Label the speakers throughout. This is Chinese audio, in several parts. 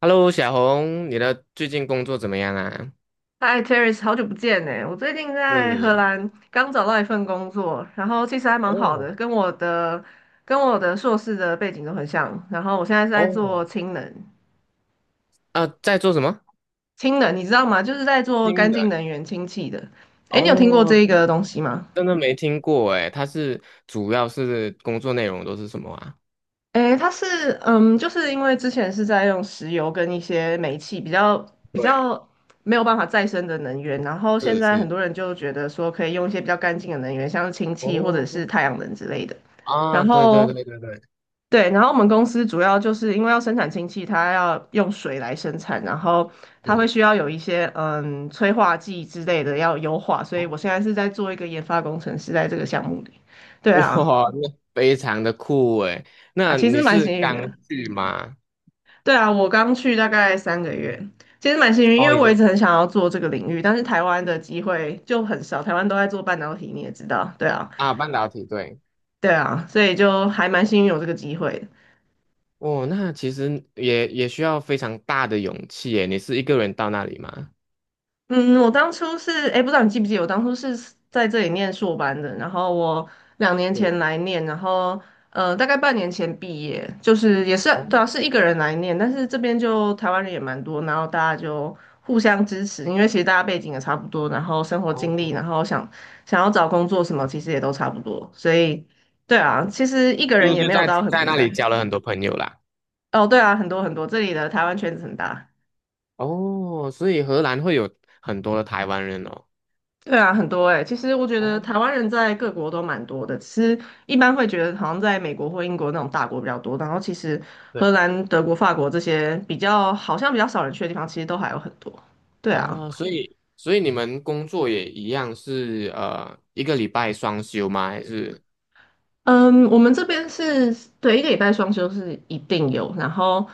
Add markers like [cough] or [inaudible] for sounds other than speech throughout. Speaker 1: Hello，小红，你的最近工作怎么样啊？
Speaker 2: 嗨，Terry，好久不见呢！我最近在荷
Speaker 1: 是
Speaker 2: 兰刚找到一份工作，然后其实还蛮好
Speaker 1: 哦
Speaker 2: 的，跟我的硕士的背景都很像。然后我现在是在做
Speaker 1: 哦，
Speaker 2: 氢能，
Speaker 1: 啊，在做什么？
Speaker 2: 氢能你知道吗？就是在做
Speaker 1: 新
Speaker 2: 干净
Speaker 1: 人
Speaker 2: 能源、氢气的。诶，你有听过
Speaker 1: 哦，
Speaker 2: 这个
Speaker 1: 真
Speaker 2: 东西吗？
Speaker 1: 真的没听过哎。它是主要是工作内容都是什么啊？
Speaker 2: 诶，它是嗯，就是因为之前是在用石油跟一些煤气比较比
Speaker 1: 对，
Speaker 2: 较没有办法再生的能源，然后现
Speaker 1: 是
Speaker 2: 在很
Speaker 1: 是
Speaker 2: 多人就觉得说可以用一些比较干净的能源，像是氢气或者
Speaker 1: 哦，
Speaker 2: 是太阳能之类的。
Speaker 1: 啊，
Speaker 2: 然
Speaker 1: 对对
Speaker 2: 后
Speaker 1: 对，对对对，
Speaker 2: 对，然后我们公司主要就是因为要生产氢气，它要用水来生产，然后它会
Speaker 1: 是
Speaker 2: 需要有一些催化剂之类的要优化，所以
Speaker 1: 哦，
Speaker 2: 我现在是在做一个研发工程师，在这个项目里。对啊，
Speaker 1: 哇，那非常的酷哎。
Speaker 2: 啊，
Speaker 1: 那
Speaker 2: 其实
Speaker 1: 你
Speaker 2: 蛮
Speaker 1: 是
Speaker 2: 幸运
Speaker 1: 刚
Speaker 2: 的。
Speaker 1: 去吗？
Speaker 2: 对啊，我刚去大概三个月，其实蛮幸运，因
Speaker 1: 哦，
Speaker 2: 为
Speaker 1: 已
Speaker 2: 我一
Speaker 1: 经
Speaker 2: 直很想要做这个领域，但是台湾的机会就很少，台湾都在做半导体，你也知道，对啊，
Speaker 1: 啊，半导体，对。
Speaker 2: 对啊，所以就还蛮幸运有这个机会。
Speaker 1: 哦，那其实也需要非常大的勇气诶。你是一个人到那里吗？
Speaker 2: 嗯，我当初是，哎，不知道你记不记得，我当初是在这里念硕班的，然后我两年前来念，然后大概半年前毕业，就是也是
Speaker 1: 哦
Speaker 2: 对啊，是一个人来念，但是这边就台湾人也蛮多，然后大家就互相支持，因为其实大家背景也差不多，然后生活经历，
Speaker 1: 哦，
Speaker 2: 然后想要找工作什么，其实也都差不多，所以对啊，其实一个人
Speaker 1: 就
Speaker 2: 也
Speaker 1: 就
Speaker 2: 没有
Speaker 1: 在
Speaker 2: 到很
Speaker 1: 在
Speaker 2: 孤
Speaker 1: 那里
Speaker 2: 单。
Speaker 1: 交了很多朋友啦。
Speaker 2: 哦，对啊，很多很多，这里的台湾圈子很大。
Speaker 1: 哦，所以荷兰会有很多的台湾人哦。
Speaker 2: 对啊，很多哎、其实我觉得
Speaker 1: 哦，
Speaker 2: 台湾人在各国都蛮多的，其是一般会觉得好像在美国或英国那种大国比较多，然后其实荷
Speaker 1: 对，
Speaker 2: 兰、德国、法国这些好像比较少人去的地方，其实都还有很多。对啊，
Speaker 1: 啊，所以你们工作也一样是一个礼拜双休吗？还是？
Speaker 2: 嗯，我们这边是对一个礼拜双休是一定有，然后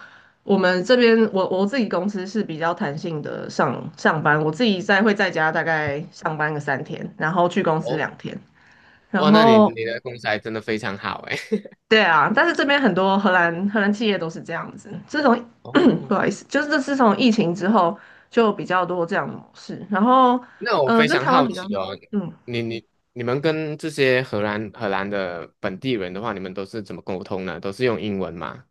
Speaker 2: 我们这边我自己公司是比较弹性的上班，我自己会在家大概上班个3天，然后去公司两
Speaker 1: 哦
Speaker 2: 天。然
Speaker 1: 哇，那你
Speaker 2: 后
Speaker 1: 你的公司还真的非常好诶。[laughs]
Speaker 2: 对啊，但是这边很多荷兰企业都是这样子。自从
Speaker 1: 哦，
Speaker 2: 嗯不好意思，就是自从疫情之后，就比较多这样的模式。然后，
Speaker 1: 那我非
Speaker 2: 跟
Speaker 1: 常
Speaker 2: 台湾
Speaker 1: 好
Speaker 2: 比较，
Speaker 1: 奇哦，
Speaker 2: 嗯，
Speaker 1: 你们跟这些荷兰的本地人的话，你们都是怎么沟通呢？都是用英文吗？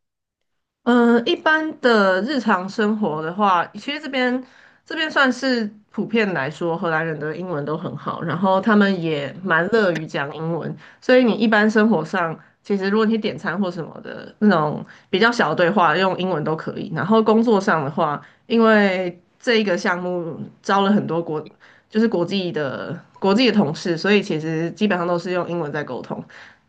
Speaker 2: 一般的日常生活的话，其实这边算是普遍来说，荷兰人的英文都很好，然后他们也蛮乐于讲英文，所以你一般生活上，其实如果你点餐或什么的那种比较小的对话，用英文都可以。然后工作上的话，因为这一个项目招了很多国，就是国际的同事，所以其实基本上都是用英文在沟通。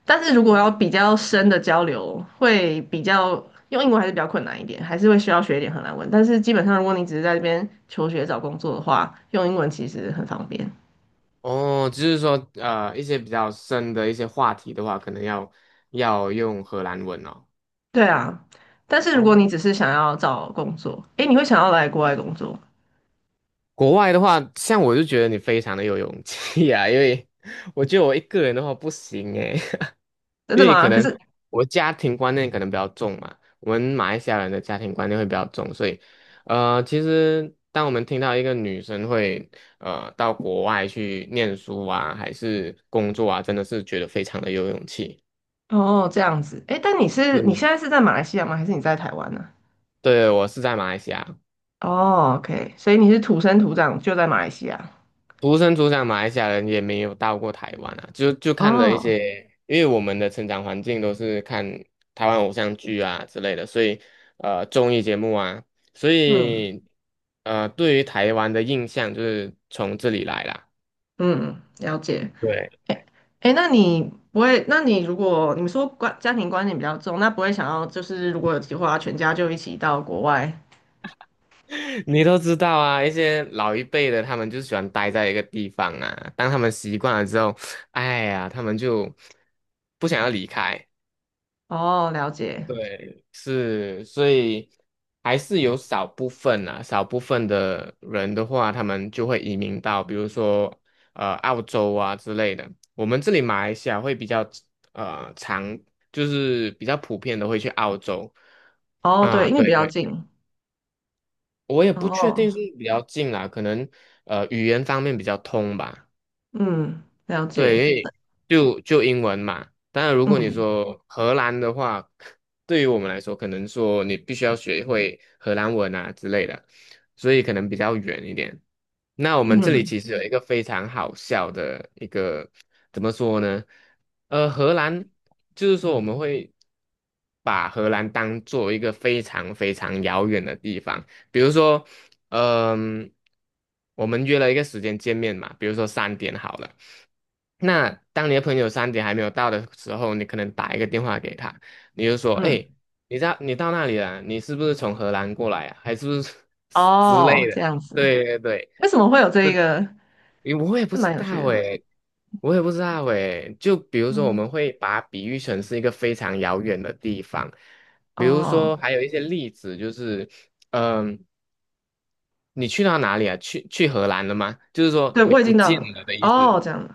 Speaker 2: 但是如果要比较深的交流，会比较用英文还是比较困难一点，还是会需要学一点荷兰文。但是基本上，如果你只是在这边求学找工作的话，用英文其实很方便。
Speaker 1: 哦，就是说，一些比较深的一些话题的话，可能要用荷兰文哦。
Speaker 2: 对啊，但是如果你
Speaker 1: 哦，
Speaker 2: 只是想要找工作，诶，你会想要来国外工作，
Speaker 1: 国外的话，像我就觉得你非常的有勇气啊，因为我觉得我一个人的话不行诶，[laughs]
Speaker 2: 真的
Speaker 1: 因为可
Speaker 2: 吗？可
Speaker 1: 能
Speaker 2: 是
Speaker 1: 我家庭观念可能比较重嘛，我们马来西亚人的家庭观念会比较重，所以，其实当我们听到一个女生会到国外去念书啊，还是工作啊，真的是觉得非常的有勇气。
Speaker 2: 哦，这样子，诶，但你是你
Speaker 1: 是，
Speaker 2: 现在是在马来西亚吗？还是你在台湾呢？
Speaker 1: 对，我是在马来西亚。
Speaker 2: 哦，OK，所以你是土生土长就在马来西亚。
Speaker 1: 土生土长马来西亚人也没有到过台湾啊，就看了一
Speaker 2: 哦，
Speaker 1: 些，因为我们的成长环境都是看台湾偶像剧啊之类的，所以综艺节目啊，所
Speaker 2: 嗯
Speaker 1: 以对于台湾的印象就是从这里来啦。
Speaker 2: 嗯，了解。
Speaker 1: 对，
Speaker 2: 哎哎，那你不会？那你如果你说关家庭观念比较重，那不会想要就是如果有计划，全家就一起到国外？
Speaker 1: [laughs] 你都知道啊，一些老一辈的他们就喜欢待在一个地方啊，当他们习惯了之后，哎呀，他们就不想要离开，
Speaker 2: 哦，了解。
Speaker 1: 对，是，所以还是有少部分啊，少部分的人的话，他们就会移民到，比如说澳洲啊之类的。我们这里马来西亚会比较常，就是比较普遍的会去澳洲
Speaker 2: 哦，对，
Speaker 1: 啊，
Speaker 2: 因为比
Speaker 1: 对
Speaker 2: 较
Speaker 1: 对，
Speaker 2: 近。
Speaker 1: 我也不确定
Speaker 2: 哦，
Speaker 1: 是比较近啊，可能语言方面比较通吧。
Speaker 2: 嗯，了
Speaker 1: 对，因
Speaker 2: 解。
Speaker 1: 为就英文嘛。当然，如果你
Speaker 2: 嗯
Speaker 1: 说荷兰的话，对于我们来说，可能说你必须要学会荷兰文啊之类的，所以可能比较远一点。那我们这里
Speaker 2: 嗯
Speaker 1: 其实有一个非常好笑的一个，怎么说呢？呃，荷兰就是说我们会把荷兰当做一个非常非常遥远的地方，比如说嗯，我们约了一个时间见面嘛，比如说三点好了。那当你的朋友三点还没有到的时候，你可能打一个电话给他，你就说：
Speaker 2: 嗯。
Speaker 1: “哎，你到那里了？你是不是从荷兰过来啊？还是不是 [laughs] 之
Speaker 2: 哦，
Speaker 1: 类
Speaker 2: 这
Speaker 1: 的？”
Speaker 2: 样子。
Speaker 1: 对对对，
Speaker 2: 为什么会有这一个？
Speaker 1: 因为我也不
Speaker 2: 这
Speaker 1: 知
Speaker 2: 蛮有趣
Speaker 1: 道
Speaker 2: 的。
Speaker 1: 哎，我也不知道哎。就比如说，我
Speaker 2: 嗯，
Speaker 1: 们会把它比喻成是一个非常遥远的地方，比如说
Speaker 2: 哦，
Speaker 1: 还有一些例子就是，嗯。你去到哪里啊？去荷兰了吗？就是说
Speaker 2: 对，
Speaker 1: 你
Speaker 2: 我已
Speaker 1: 不
Speaker 2: 经到
Speaker 1: 见
Speaker 2: 了。
Speaker 1: 了的意思。
Speaker 2: 哦，这样的。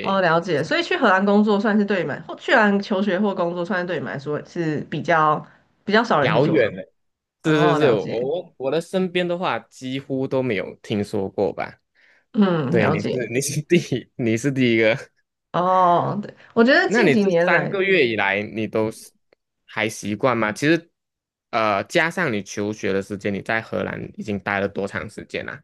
Speaker 2: 哦，了解。所以去荷兰工作算是对你们，或去荷兰求学或工作，算是对你们来说是比较少人去
Speaker 1: 遥
Speaker 2: 做的。
Speaker 1: 远了。是是
Speaker 2: 哦，
Speaker 1: 是，
Speaker 2: 了解，
Speaker 1: 我的身边的话几乎都没有听说过吧？
Speaker 2: 嗯，
Speaker 1: 对，
Speaker 2: 了
Speaker 1: 你是
Speaker 2: 解，
Speaker 1: 你是第一，你是第一个。[laughs]
Speaker 2: 哦，对，我觉得
Speaker 1: 那
Speaker 2: 近
Speaker 1: 你
Speaker 2: 几
Speaker 1: 这
Speaker 2: 年
Speaker 1: 三
Speaker 2: 来，
Speaker 1: 个月以来，你都是还习惯吗？其实，加上你求学的时间，你在荷兰已经待了多长时间啦？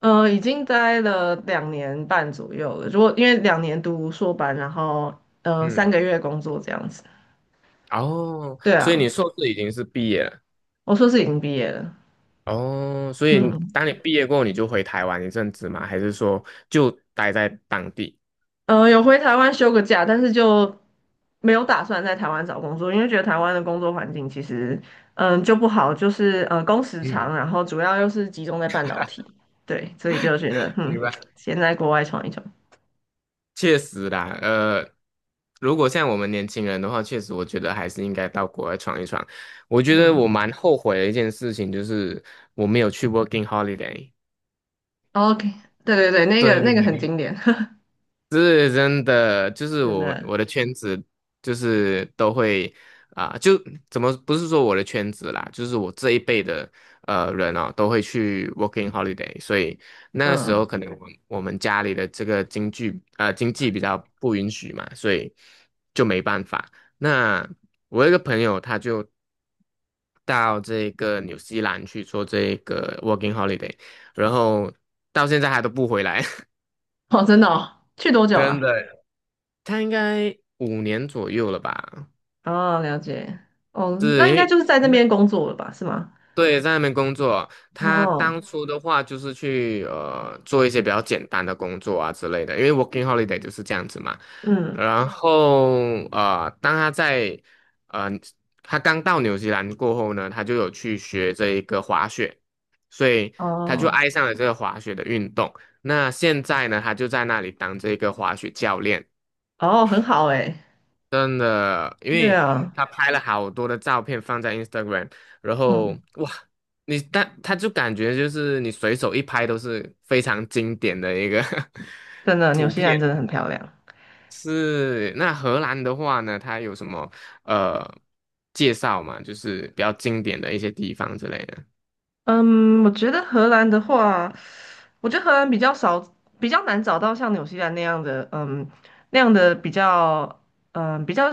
Speaker 2: 已经待了2年半左右了。如果因为两年读硕班，然后三
Speaker 1: 嗯，
Speaker 2: 个月工作这样子，
Speaker 1: 哦，
Speaker 2: 对
Speaker 1: 所以
Speaker 2: 啊，
Speaker 1: 你硕士已经是毕业了。
Speaker 2: 我硕士已经毕业了，
Speaker 1: 哦，所以
Speaker 2: 嗯，
Speaker 1: 当你毕业过后，你就回台湾一阵子吗？还是说就待在当地？
Speaker 2: 有回台湾休个假，但是就没有打算在台湾找工作，因为觉得台湾的工作环境其实就不好，就是工时
Speaker 1: 嗯，
Speaker 2: 长，然后主要又是集中在半导体，对，所以就觉得
Speaker 1: 明白。
Speaker 2: 先在国外闯一闯。
Speaker 1: 确实啦，如果像我们年轻人的话，确实我觉得还是应该到国外闯一闯。我觉得
Speaker 2: 嗯。
Speaker 1: 我蛮后悔的一件事情就是我没有去 working holiday。
Speaker 2: 哦 OK，对对对，那个
Speaker 1: 对，
Speaker 2: 那个很经典，[laughs]
Speaker 1: 是真的，就是
Speaker 2: 真
Speaker 1: 我
Speaker 2: 的，
Speaker 1: 我的圈子就是都会啊、就怎么不是说我的圈子啦，就是我这一辈的人哦，都会去 working holiday，所以那个时候
Speaker 2: 嗯，
Speaker 1: 可能我们家里的这个经济比较不允许嘛，所以就没办法。那我有一个朋友他就到这个纽西兰去做这个 working holiday，然后到现在还都不回来，
Speaker 2: 哦，真的哦，去多
Speaker 1: [laughs]
Speaker 2: 久
Speaker 1: 真
Speaker 2: 了？
Speaker 1: 的。他应该5年左右了吧？
Speaker 2: 哦，了解，哦，
Speaker 1: 是
Speaker 2: 那应
Speaker 1: 因
Speaker 2: 该
Speaker 1: 为
Speaker 2: 就是在那边工作了吧，是吗？
Speaker 1: 对在那边工作，他
Speaker 2: 哦，
Speaker 1: 当初的话就是去做一些比较简单的工作啊之类的，因为 working holiday 就是这样子嘛。
Speaker 2: 嗯，
Speaker 1: 然后当他在呃他刚到纽西兰过后呢，他就有去学这一个滑雪，所以他就
Speaker 2: 哦，
Speaker 1: 爱上了这个滑雪的运动。那现在呢，他就在那里当这个滑雪教练。
Speaker 2: 哦，很好诶，
Speaker 1: 真的，因
Speaker 2: 对
Speaker 1: 为
Speaker 2: 啊，
Speaker 1: 他拍了好多的照片放在 Instagram，然后
Speaker 2: 嗯，
Speaker 1: 哇，但他就感觉就是你随手一拍都是非常经典的一个
Speaker 2: 真
Speaker 1: [laughs]
Speaker 2: 的，纽
Speaker 1: 图
Speaker 2: 西兰
Speaker 1: 片。
Speaker 2: 真的很漂亮。
Speaker 1: 是，那荷兰的话呢，它有什么呃介绍嘛？就是比较经典的一些地方之类的，
Speaker 2: 嗯，我觉得荷兰的话，我觉得荷兰比较少，比较难找到像纽西兰那样的，那样的比较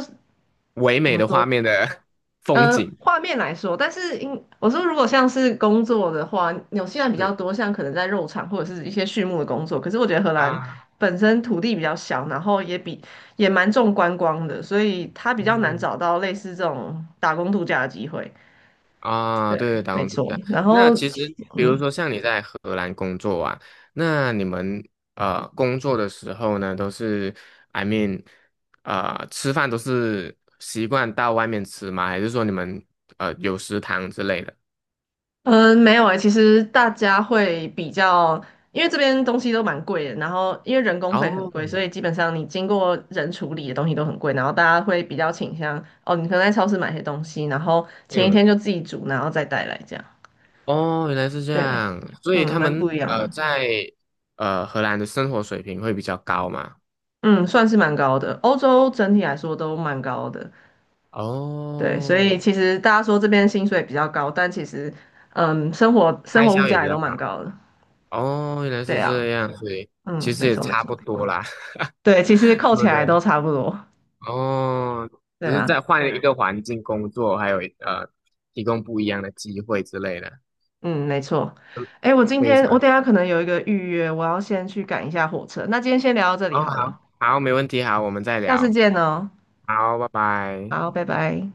Speaker 1: 唯
Speaker 2: 怎
Speaker 1: 美
Speaker 2: 么
Speaker 1: 的
Speaker 2: 说？
Speaker 1: 画面的 [laughs] 风景。
Speaker 2: 画面来说，但是因我说如果像是工作的话，纽西兰比较
Speaker 1: 是
Speaker 2: 多，像可能在肉场或者是一些畜牧的工作。可是我觉得荷兰
Speaker 1: 啊，
Speaker 2: 本身土地比较小，然后也蛮重观光的，所以它比较难
Speaker 1: 嗯。
Speaker 2: 找到类似这种打工度假的机会。
Speaker 1: 啊，
Speaker 2: 对，
Speaker 1: 对，打
Speaker 2: 没
Speaker 1: 工度
Speaker 2: 错。
Speaker 1: 假。
Speaker 2: 然
Speaker 1: 那
Speaker 2: 后，
Speaker 1: 其实，比如
Speaker 2: 嗯，
Speaker 1: 说像你在荷兰工作啊，那你们工作的时候呢，都是，I mean，吃饭都是习惯到外面吃吗？还是说你们有食堂之类的？
Speaker 2: 嗯，没有诶，其实大家会比较，因为这边东西都蛮贵的，然后因为人工费很贵，所
Speaker 1: 哦，
Speaker 2: 以基本上你经过人处理的东西都很贵，然后大家会比较倾向，哦，你可能在超市买些东西，然后前一
Speaker 1: 嗯，
Speaker 2: 天就自己煮，然后再带来这样。
Speaker 1: 哦，原来是这
Speaker 2: 对，
Speaker 1: 样，所以他
Speaker 2: 蛮
Speaker 1: 们
Speaker 2: 不一样的，
Speaker 1: 在荷兰的生活水平会比较高嘛？
Speaker 2: 嗯，算是蛮高的，欧洲整体来说都蛮高的，对，所以
Speaker 1: 哦，
Speaker 2: 其实大家说这边薪水比较高，但其实，生活生
Speaker 1: 开
Speaker 2: 活物
Speaker 1: 销也
Speaker 2: 价
Speaker 1: 比
Speaker 2: 也都
Speaker 1: 较高。
Speaker 2: 蛮高的，
Speaker 1: 哦，原来
Speaker 2: 对
Speaker 1: 是
Speaker 2: 啊，
Speaker 1: 这样，所以其
Speaker 2: 嗯，
Speaker 1: 实
Speaker 2: 没
Speaker 1: 也
Speaker 2: 错没
Speaker 1: 差
Speaker 2: 错。
Speaker 1: 不多啦，
Speaker 2: 对，其实
Speaker 1: [laughs] 对
Speaker 2: 扣
Speaker 1: 不
Speaker 2: 起来
Speaker 1: 对？
Speaker 2: 都差不多。
Speaker 1: 哦，
Speaker 2: 对
Speaker 1: 只是在
Speaker 2: 啊，
Speaker 1: 换一个环境工作，还有提供不一样的机会之类的，
Speaker 2: 嗯，没错。
Speaker 1: 嗯
Speaker 2: 哎，我今
Speaker 1: 非
Speaker 2: 天我
Speaker 1: 常，
Speaker 2: 等一下可能有一个预约，我要先去赶一下火车。那今天先聊到这里
Speaker 1: 哦，
Speaker 2: 好
Speaker 1: 好，
Speaker 2: 了，
Speaker 1: 好，没问题，好，我们再
Speaker 2: 下次
Speaker 1: 聊，
Speaker 2: 见哦。
Speaker 1: 好，拜拜。
Speaker 2: 好，拜拜。